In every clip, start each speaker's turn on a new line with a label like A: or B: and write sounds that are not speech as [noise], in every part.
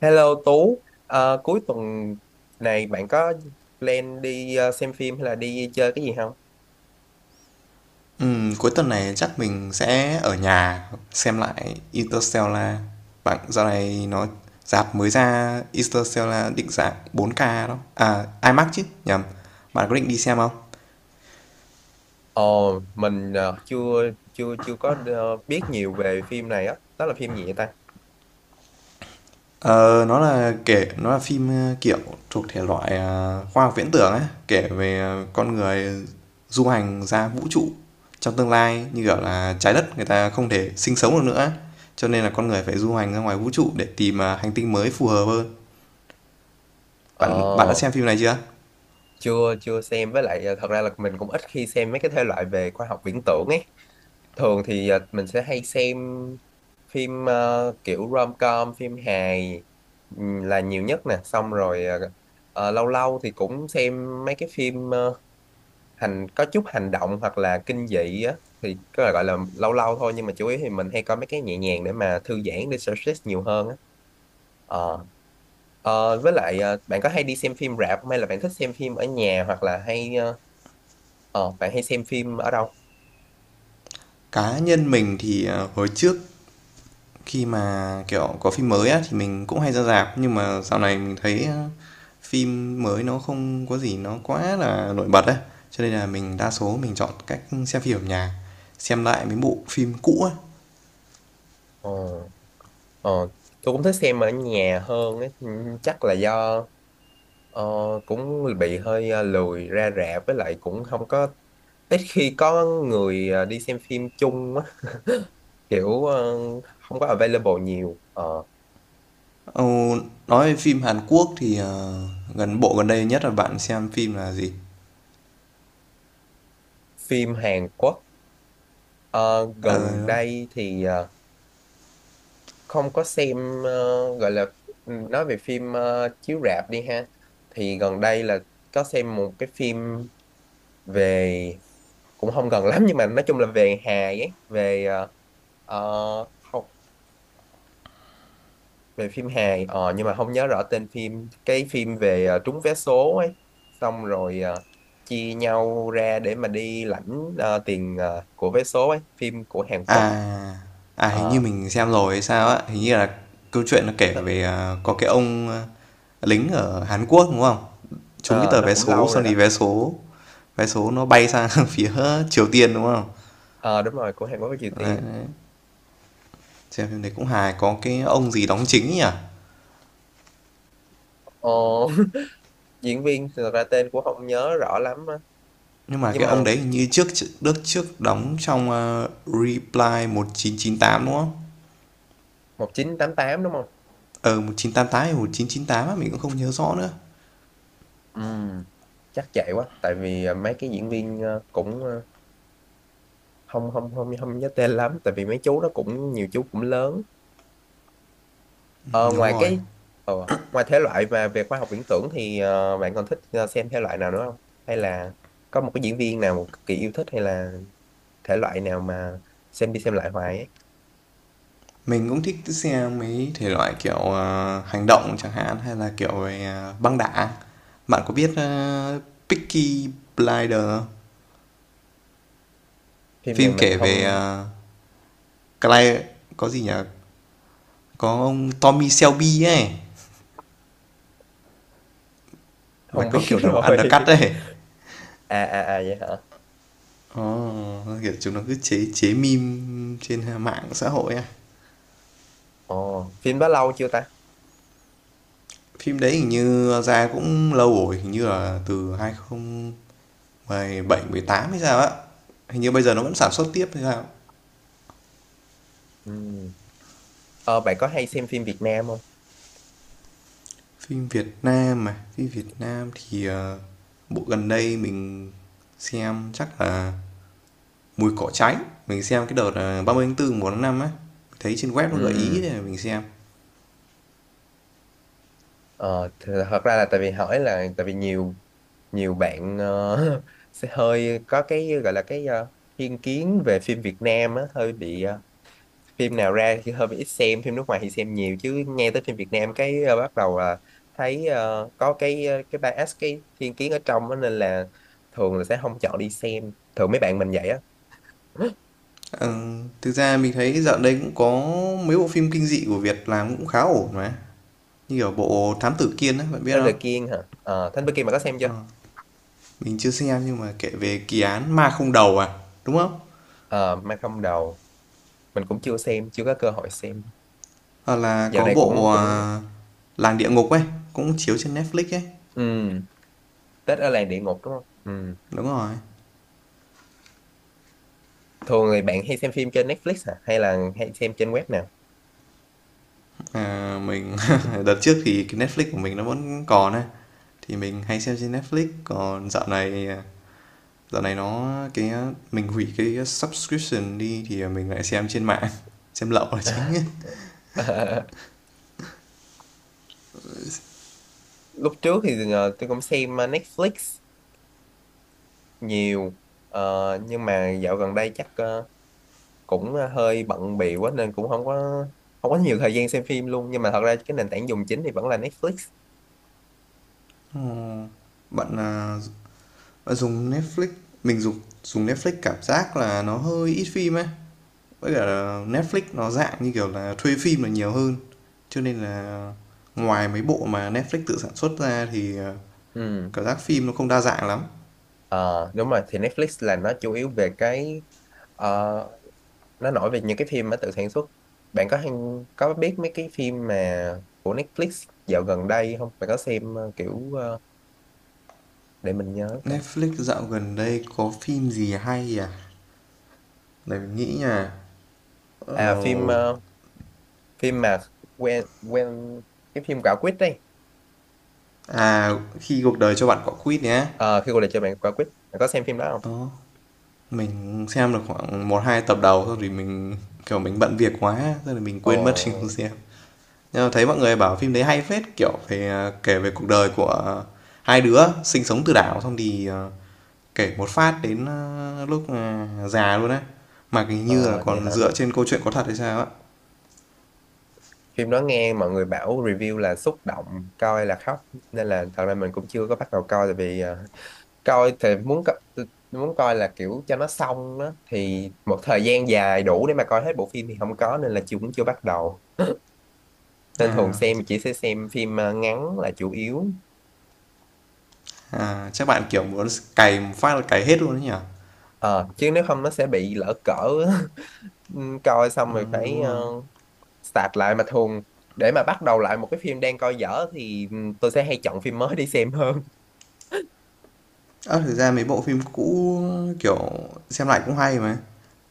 A: Hello Tú, cuối tuần này bạn có plan đi xem phim hay là đi chơi cái gì không?
B: Cuối tuần này chắc mình sẽ ở nhà xem lại Interstellar. Bạn dạo này nó rạp mới ra Interstellar định dạng 4K đó. À IMAX chứ, nhầm. Bạn có định đi xem không?
A: Ồ, mình chưa chưa chưa có biết nhiều về phim này á, đó là phim gì vậy ta?
B: Ờ, nó là phim kiểu thuộc thể loại khoa học viễn tưởng ấy, kể về con người du hành ra vũ trụ trong tương lai như kiểu là trái đất người ta không thể sinh sống được nữa ấy. Cho nên là con người phải du hành ra ngoài vũ trụ để tìm hành tinh mới phù hợp hơn. Bạn bạn đã
A: Ồ,
B: xem phim này chưa?
A: chưa chưa xem với lại thật ra là mình cũng ít khi xem mấy cái thể loại về khoa học viễn tưởng ấy. Thường thì mình sẽ hay xem phim kiểu rom-com, phim hài là nhiều nhất nè, xong rồi lâu lâu thì cũng xem mấy cái phim có chút hành động hoặc là kinh dị á, thì có thể gọi là lâu lâu thôi, nhưng mà chủ yếu thì mình hay coi mấy cái nhẹ nhàng để mà thư giãn, để stress nhiều hơn á. Ờ. Với lại bạn có hay đi xem phim rạp không, hay là bạn thích xem phim ở nhà, hoặc là hay bạn hay xem phim ở đâu?
B: Cá nhân mình thì, hồi trước khi mà, kiểu, có phim mới á thì mình cũng hay ra rạp, nhưng mà dạo này mình thấy, phim mới nó không có gì nó quá là nổi bật ấy, cho nên là mình đa số mình chọn cách xem phim ở nhà, xem lại mấy bộ phim cũ á.
A: Ờ, ờ, tôi cũng thích xem ở nhà hơn ấy. Ừ, chắc là do ờ, cũng bị hơi lười ra rạp, với lại cũng không có, ít khi có người đi xem phim chung á, kiểu không có available nhiều. Ờ,
B: Ờ, nói về phim Hàn Quốc thì, bộ gần đây nhất là bạn xem phim là gì?
A: phim Hàn Quốc ờ, gần
B: Ờ.
A: đây thì không có xem, gọi là ừ, nói về phim chiếu rạp đi ha, thì gần đây là có xem một cái phim về, cũng không gần lắm, nhưng mà nói chung là về hài ấy, về học, về phim Hàn nhưng mà không nhớ rõ tên phim, cái phim về trúng vé số ấy, xong rồi chia nhau ra để mà đi lãnh tiền của vé số ấy, phim của Hàn Quốc.
B: À, hình như
A: ờ
B: mình xem rồi hay sao á, hình như là câu chuyện nó kể
A: ờ,
B: về, à, có cái ông, a, lính ở Hàn Quốc, đúng không? Trúng cái
A: ờ,
B: tờ
A: nó
B: vé
A: cũng
B: số
A: lâu rồi
B: xong
A: đó.
B: thì vé số nó bay sang [laughs] phía Triều Tiên, đúng không?
A: Ờ Đúng rồi, của Hàn Quốc với Triều
B: Đấy,
A: Tiên.
B: đấy, xem phim đấy cũng hài, có cái ông gì đóng chính nhỉ?
A: ờ, [laughs] Diễn viên thì thật ra tên cũng không nhớ rõ lắm á.
B: Nhưng mà
A: Nhưng
B: cái
A: mà
B: ông đấy hình như trước đóng trong, a, Reply 1998 đúng không?
A: 1988 đúng không.
B: Ờ, 1988 hay 1998 á, mình cũng không nhớ rõ nữa.
A: Ừ, chắc vậy quá, tại vì mấy cái diễn viên cũng không không không không nhớ tên lắm, tại vì mấy chú đó cũng nhiều, chú cũng lớn. Ờ,
B: Đúng
A: ngoài
B: rồi.
A: cái ờ, ngoài thể loại mà về khoa học viễn tưởng thì bạn còn thích xem thể loại nào nữa không? Hay là có một cái diễn viên nào một cực kỳ yêu thích, hay là thể loại nào mà xem đi xem lại hoài ấy?
B: Mình cũng thích xe mấy thể loại kiểu, hành động chẳng hạn hay là kiểu về, à, băng đảng. Bạn có biết, ơ, Peaky Blinders không?
A: Phim này
B: Phim
A: mình
B: kể về,
A: không
B: Cly có gì nhỉ? Có ông Tommy Shelby ấy, mà
A: không
B: có
A: biết
B: kiểu
A: [laughs]
B: đầu
A: rồi.
B: undercut ấy.
A: À à à vậy hả?
B: Ồ, kiểu chúng nó cứ chế chế meme trên mạng xã hội á.
A: Ồ, phim đó lâu chưa ta?
B: Phim đấy hình như ra cũng lâu rồi, hình như là từ 2017 18 hay sao á. Hình như bây giờ nó vẫn sản xuất tiếp hay sao.
A: Ừ. Ờ, bạn có hay xem phim Việt Nam không?
B: Phim Việt Nam thì, bộ gần đây mình xem chắc là "Mùi cỏ cháy", mình xem cái đợt, 30/4 1 năm á, thấy trên web nó gợi ý
A: Ừ.
B: để mình xem.
A: Ờ, thật ra là, tại vì nhiều nhiều bạn [laughs] sẽ hơi có cái gọi là thiên kiến về phim Việt Nam á, hơi bị phim nào ra thì hơi ít xem, phim nước ngoài thì xem nhiều, chứ nghe tới phim Việt Nam cái bắt đầu là thấy có cái bias, cái thiên kiến ở trong đó, nên là thường là sẽ không chọn đi xem, thường mấy bạn mình vậy á. [gasps]
B: Ờ, Thực ra mình thấy dạo đây cũng có mấy bộ phim kinh dị của Việt làm cũng khá ổn mà, như ở bộ "Thám Tử Kiên" á, bạn biết
A: Thám Tử
B: không?
A: Kiên hả? Thám Tử Kiên mà có xem chưa.
B: Ờ, mình chưa xem nhưng mà kể về kỳ án ma không đầu à, đúng không?
A: Ờ, Ma Không Đầu mình cũng chưa xem, chưa có cơ hội xem,
B: Hoặc là
A: dạo
B: có
A: này cũng
B: bộ,
A: cũng
B: à, "Làng địa ngục" ấy, cũng chiếu trên Netflix ấy.
A: ừ, Tết ở làng địa ngục đúng không. Ừ.
B: Đúng rồi.
A: Thường thì bạn hay xem phim trên Netflix à, hay là hay xem trên web nào?
B: Ờ, mình [laughs] đợt trước thì cái Netflix của mình nó vẫn còn ấy, thì mình hay xem trên Netflix, còn dạo này, à, dạo này nó cái mình hủy cái subscription đi thì mình lại xem trên mạng, [laughs] xem lậu là chính ấy.
A: [laughs] Lúc trước thì tôi cũng xem Netflix nhiều. Nhưng mà dạo gần đây chắc cũng hơi bận bịu quá nên cũng không có nhiều thời gian xem phim luôn, nhưng mà thật ra cái nền tảng dùng chính thì vẫn là Netflix.
B: Ờ, bạn, à, bạn dùng Netflix mình dùng dùng Netflix cảm giác là nó hơi ít phim ấy, với cả là Netflix nó dạng như kiểu là thuê phim là nhiều hơn, cho nên là ngoài mấy bộ mà Netflix tự sản xuất ra thì, à,
A: Ừ.
B: cảm giác phim nó không đa dạng lắm.
A: Ờ, đúng rồi, thì Netflix là nó chủ yếu về cái ờ, nó nổi về những cái phim mà tự sản xuất. Bạn có biết mấy cái phim mà của Netflix dạo gần đây không? Bạn có xem kiểu để mình nhớ coi.
B: Netflix dạo gần đây có phim gì hay à? Để mình nghĩ nha.
A: À
B: Ờ,
A: phim phim mà quen quen, cái phim Quả Quýt đây.
B: à, Khi cuộc đời cho bạn quả quýt nhé.
A: Ờ, khi cuộc đời cho bạn Quả Quýt, bạn có xem phim đó không?
B: Đó, mình xem được khoảng một hai tập đầu thôi thì mình kiểu mình bận việc quá, thế là mình
A: Ồ,
B: quên mất [laughs] mình không xem. Nhưng mà thấy mọi người bảo phim đấy hay phết, kiểu về à, kể về cuộc đời của hai đứa sinh sống từ đảo xong thì à, kể một phát đến à, lúc à, già luôn á. Mà hình như là
A: ờ, vậy
B: còn
A: hả?
B: dựa trên câu chuyện có thật hay sao á.
A: Phim đó nghe mọi người bảo review là xúc động, coi là khóc, nên là thật ra mình cũng chưa có bắt đầu coi, tại vì coi thì muốn, muốn coi là kiểu cho nó xong đó, thì một thời gian dài đủ để mà coi hết bộ phim thì không có, nên là chưa, cũng chưa bắt đầu. Nên thường
B: À,
A: xem chỉ sẽ xem phim ngắn là chủ yếu.
B: À, chắc bạn kiểu muốn cày một phát là cày hết luôn đấy nhỉ?
A: Ờ, chứ nếu không nó sẽ bị lỡ cỡ. [laughs] Ừ, coi xong rồi
B: Ờ, đúng
A: phải
B: rồi.
A: start lại, mà thường để mà bắt đầu lại một cái phim đang coi dở thì ừ, tôi sẽ hay chọn phim mới đi xem hơn.
B: Ơ, thực ra mấy bộ phim cũ, kiểu, xem lại cũng hay mà.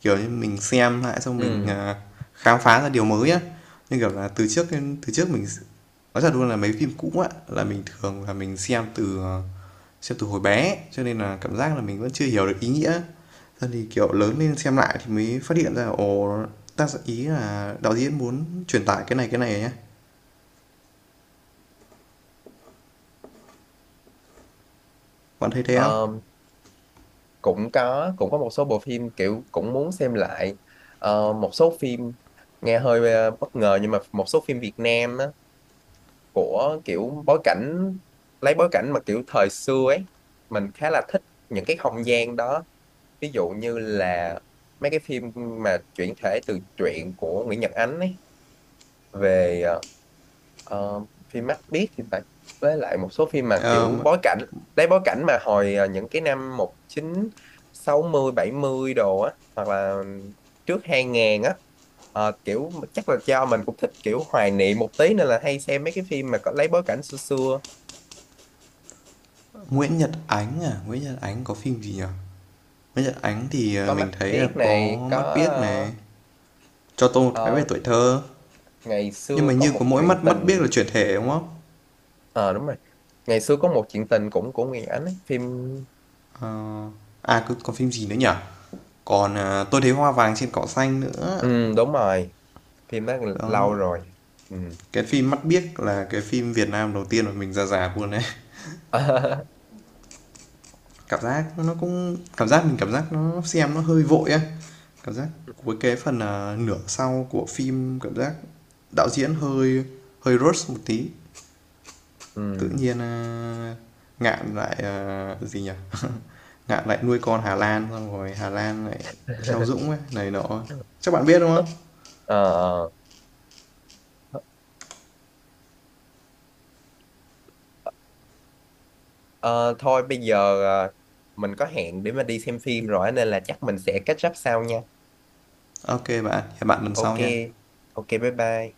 B: Kiểu như mình xem lại xong mình,
A: Ừ.
B: à, khám phá ra điều mới á. Như kiểu là từ trước mình nói thật luôn là mấy phim cũ á, là mình thường là mình xem từ hồi bé, cho nên là cảm giác là mình vẫn chưa hiểu được ý nghĩa. Sau thì, kiểu, lớn lên xem lại thì mới phát hiện ra, ồ, tác giả ý là đạo diễn muốn truyền tải cái này á. Bạn thấy thế không?
A: Ờ, cũng có một số bộ phim kiểu cũng muốn xem lại. Một số phim nghe hơi bất ngờ, nhưng mà một số phim Việt Nam á, của kiểu bối cảnh lấy bối cảnh mà kiểu thời xưa ấy, mình khá là thích những cái không gian đó, ví dụ như là mấy cái phim mà chuyển thể từ truyện của Nguyễn Nhật Ánh ấy, về Ờ, phim Mắt Biết thì phải, với lại một số phim mà kiểu bối cảnh lấy bối cảnh mà hồi những cái năm một chín sáu mươi bảy mươi đồ á, hoặc là trước 2000 á. Kiểu chắc là do mình cũng thích kiểu hoài niệm một tí, nên là hay xem mấy cái phim mà có lấy bối cảnh xưa xưa.
B: Nguyễn Nhật Ánh à? Nguyễn Nhật Ánh có phim gì nhỉ? Nguyễn Nhật Ánh thì
A: Có
B: mình
A: Mắt
B: thấy là
A: Biết
B: có
A: này, có
B: Mắt Biếc này, Cho tôi một vé
A: ờ,
B: về tuổi
A: ờ,
B: thơ.
A: ngày
B: Nhưng
A: xưa
B: mà
A: có
B: như có
A: một
B: mỗi
A: chuyện
B: Mắt Mắt Biếc
A: tình.
B: là chuyển thể đúng không?
A: Ờ Đúng rồi, ngày xưa có một chuyện tình cũng của Nguyễn Ánh ấy. Phim.
B: À cứ còn phim gì nữa nhỉ? Còn à, Tôi thấy hoa vàng trên cỏ xanh nữa.
A: Ừ, đúng rồi, phim đó lâu
B: Đó.
A: rồi. Ừ.
B: Cái phim Mắt Biếc là cái phim Việt Nam đầu tiên mà mình ra già luôn đấy.
A: [laughs]
B: Cảm giác nó xem nó hơi vội á. Cảm giác với cái phần à, nửa sau của phim cảm giác đạo diễn hơi hơi rush một tí. Tự
A: Ừ.
B: nhiên, a, Ngạn lại, ờ, gì nhỉ, Ngạn lại nuôi con Hà Lan, xong rồi Hà Lan lại theo
A: [laughs]
B: Dũng ấy, này nọ.
A: Ờ
B: Chắc bạn biết, đúng không?
A: ờ. Ờ, thôi bây giờ mình có hẹn để mà đi xem phim rồi á, nên là chắc mình sẽ catch up sau nha.
B: OK bạn, hẹn bạn lần
A: Ok
B: sau nha.
A: ok bye bye.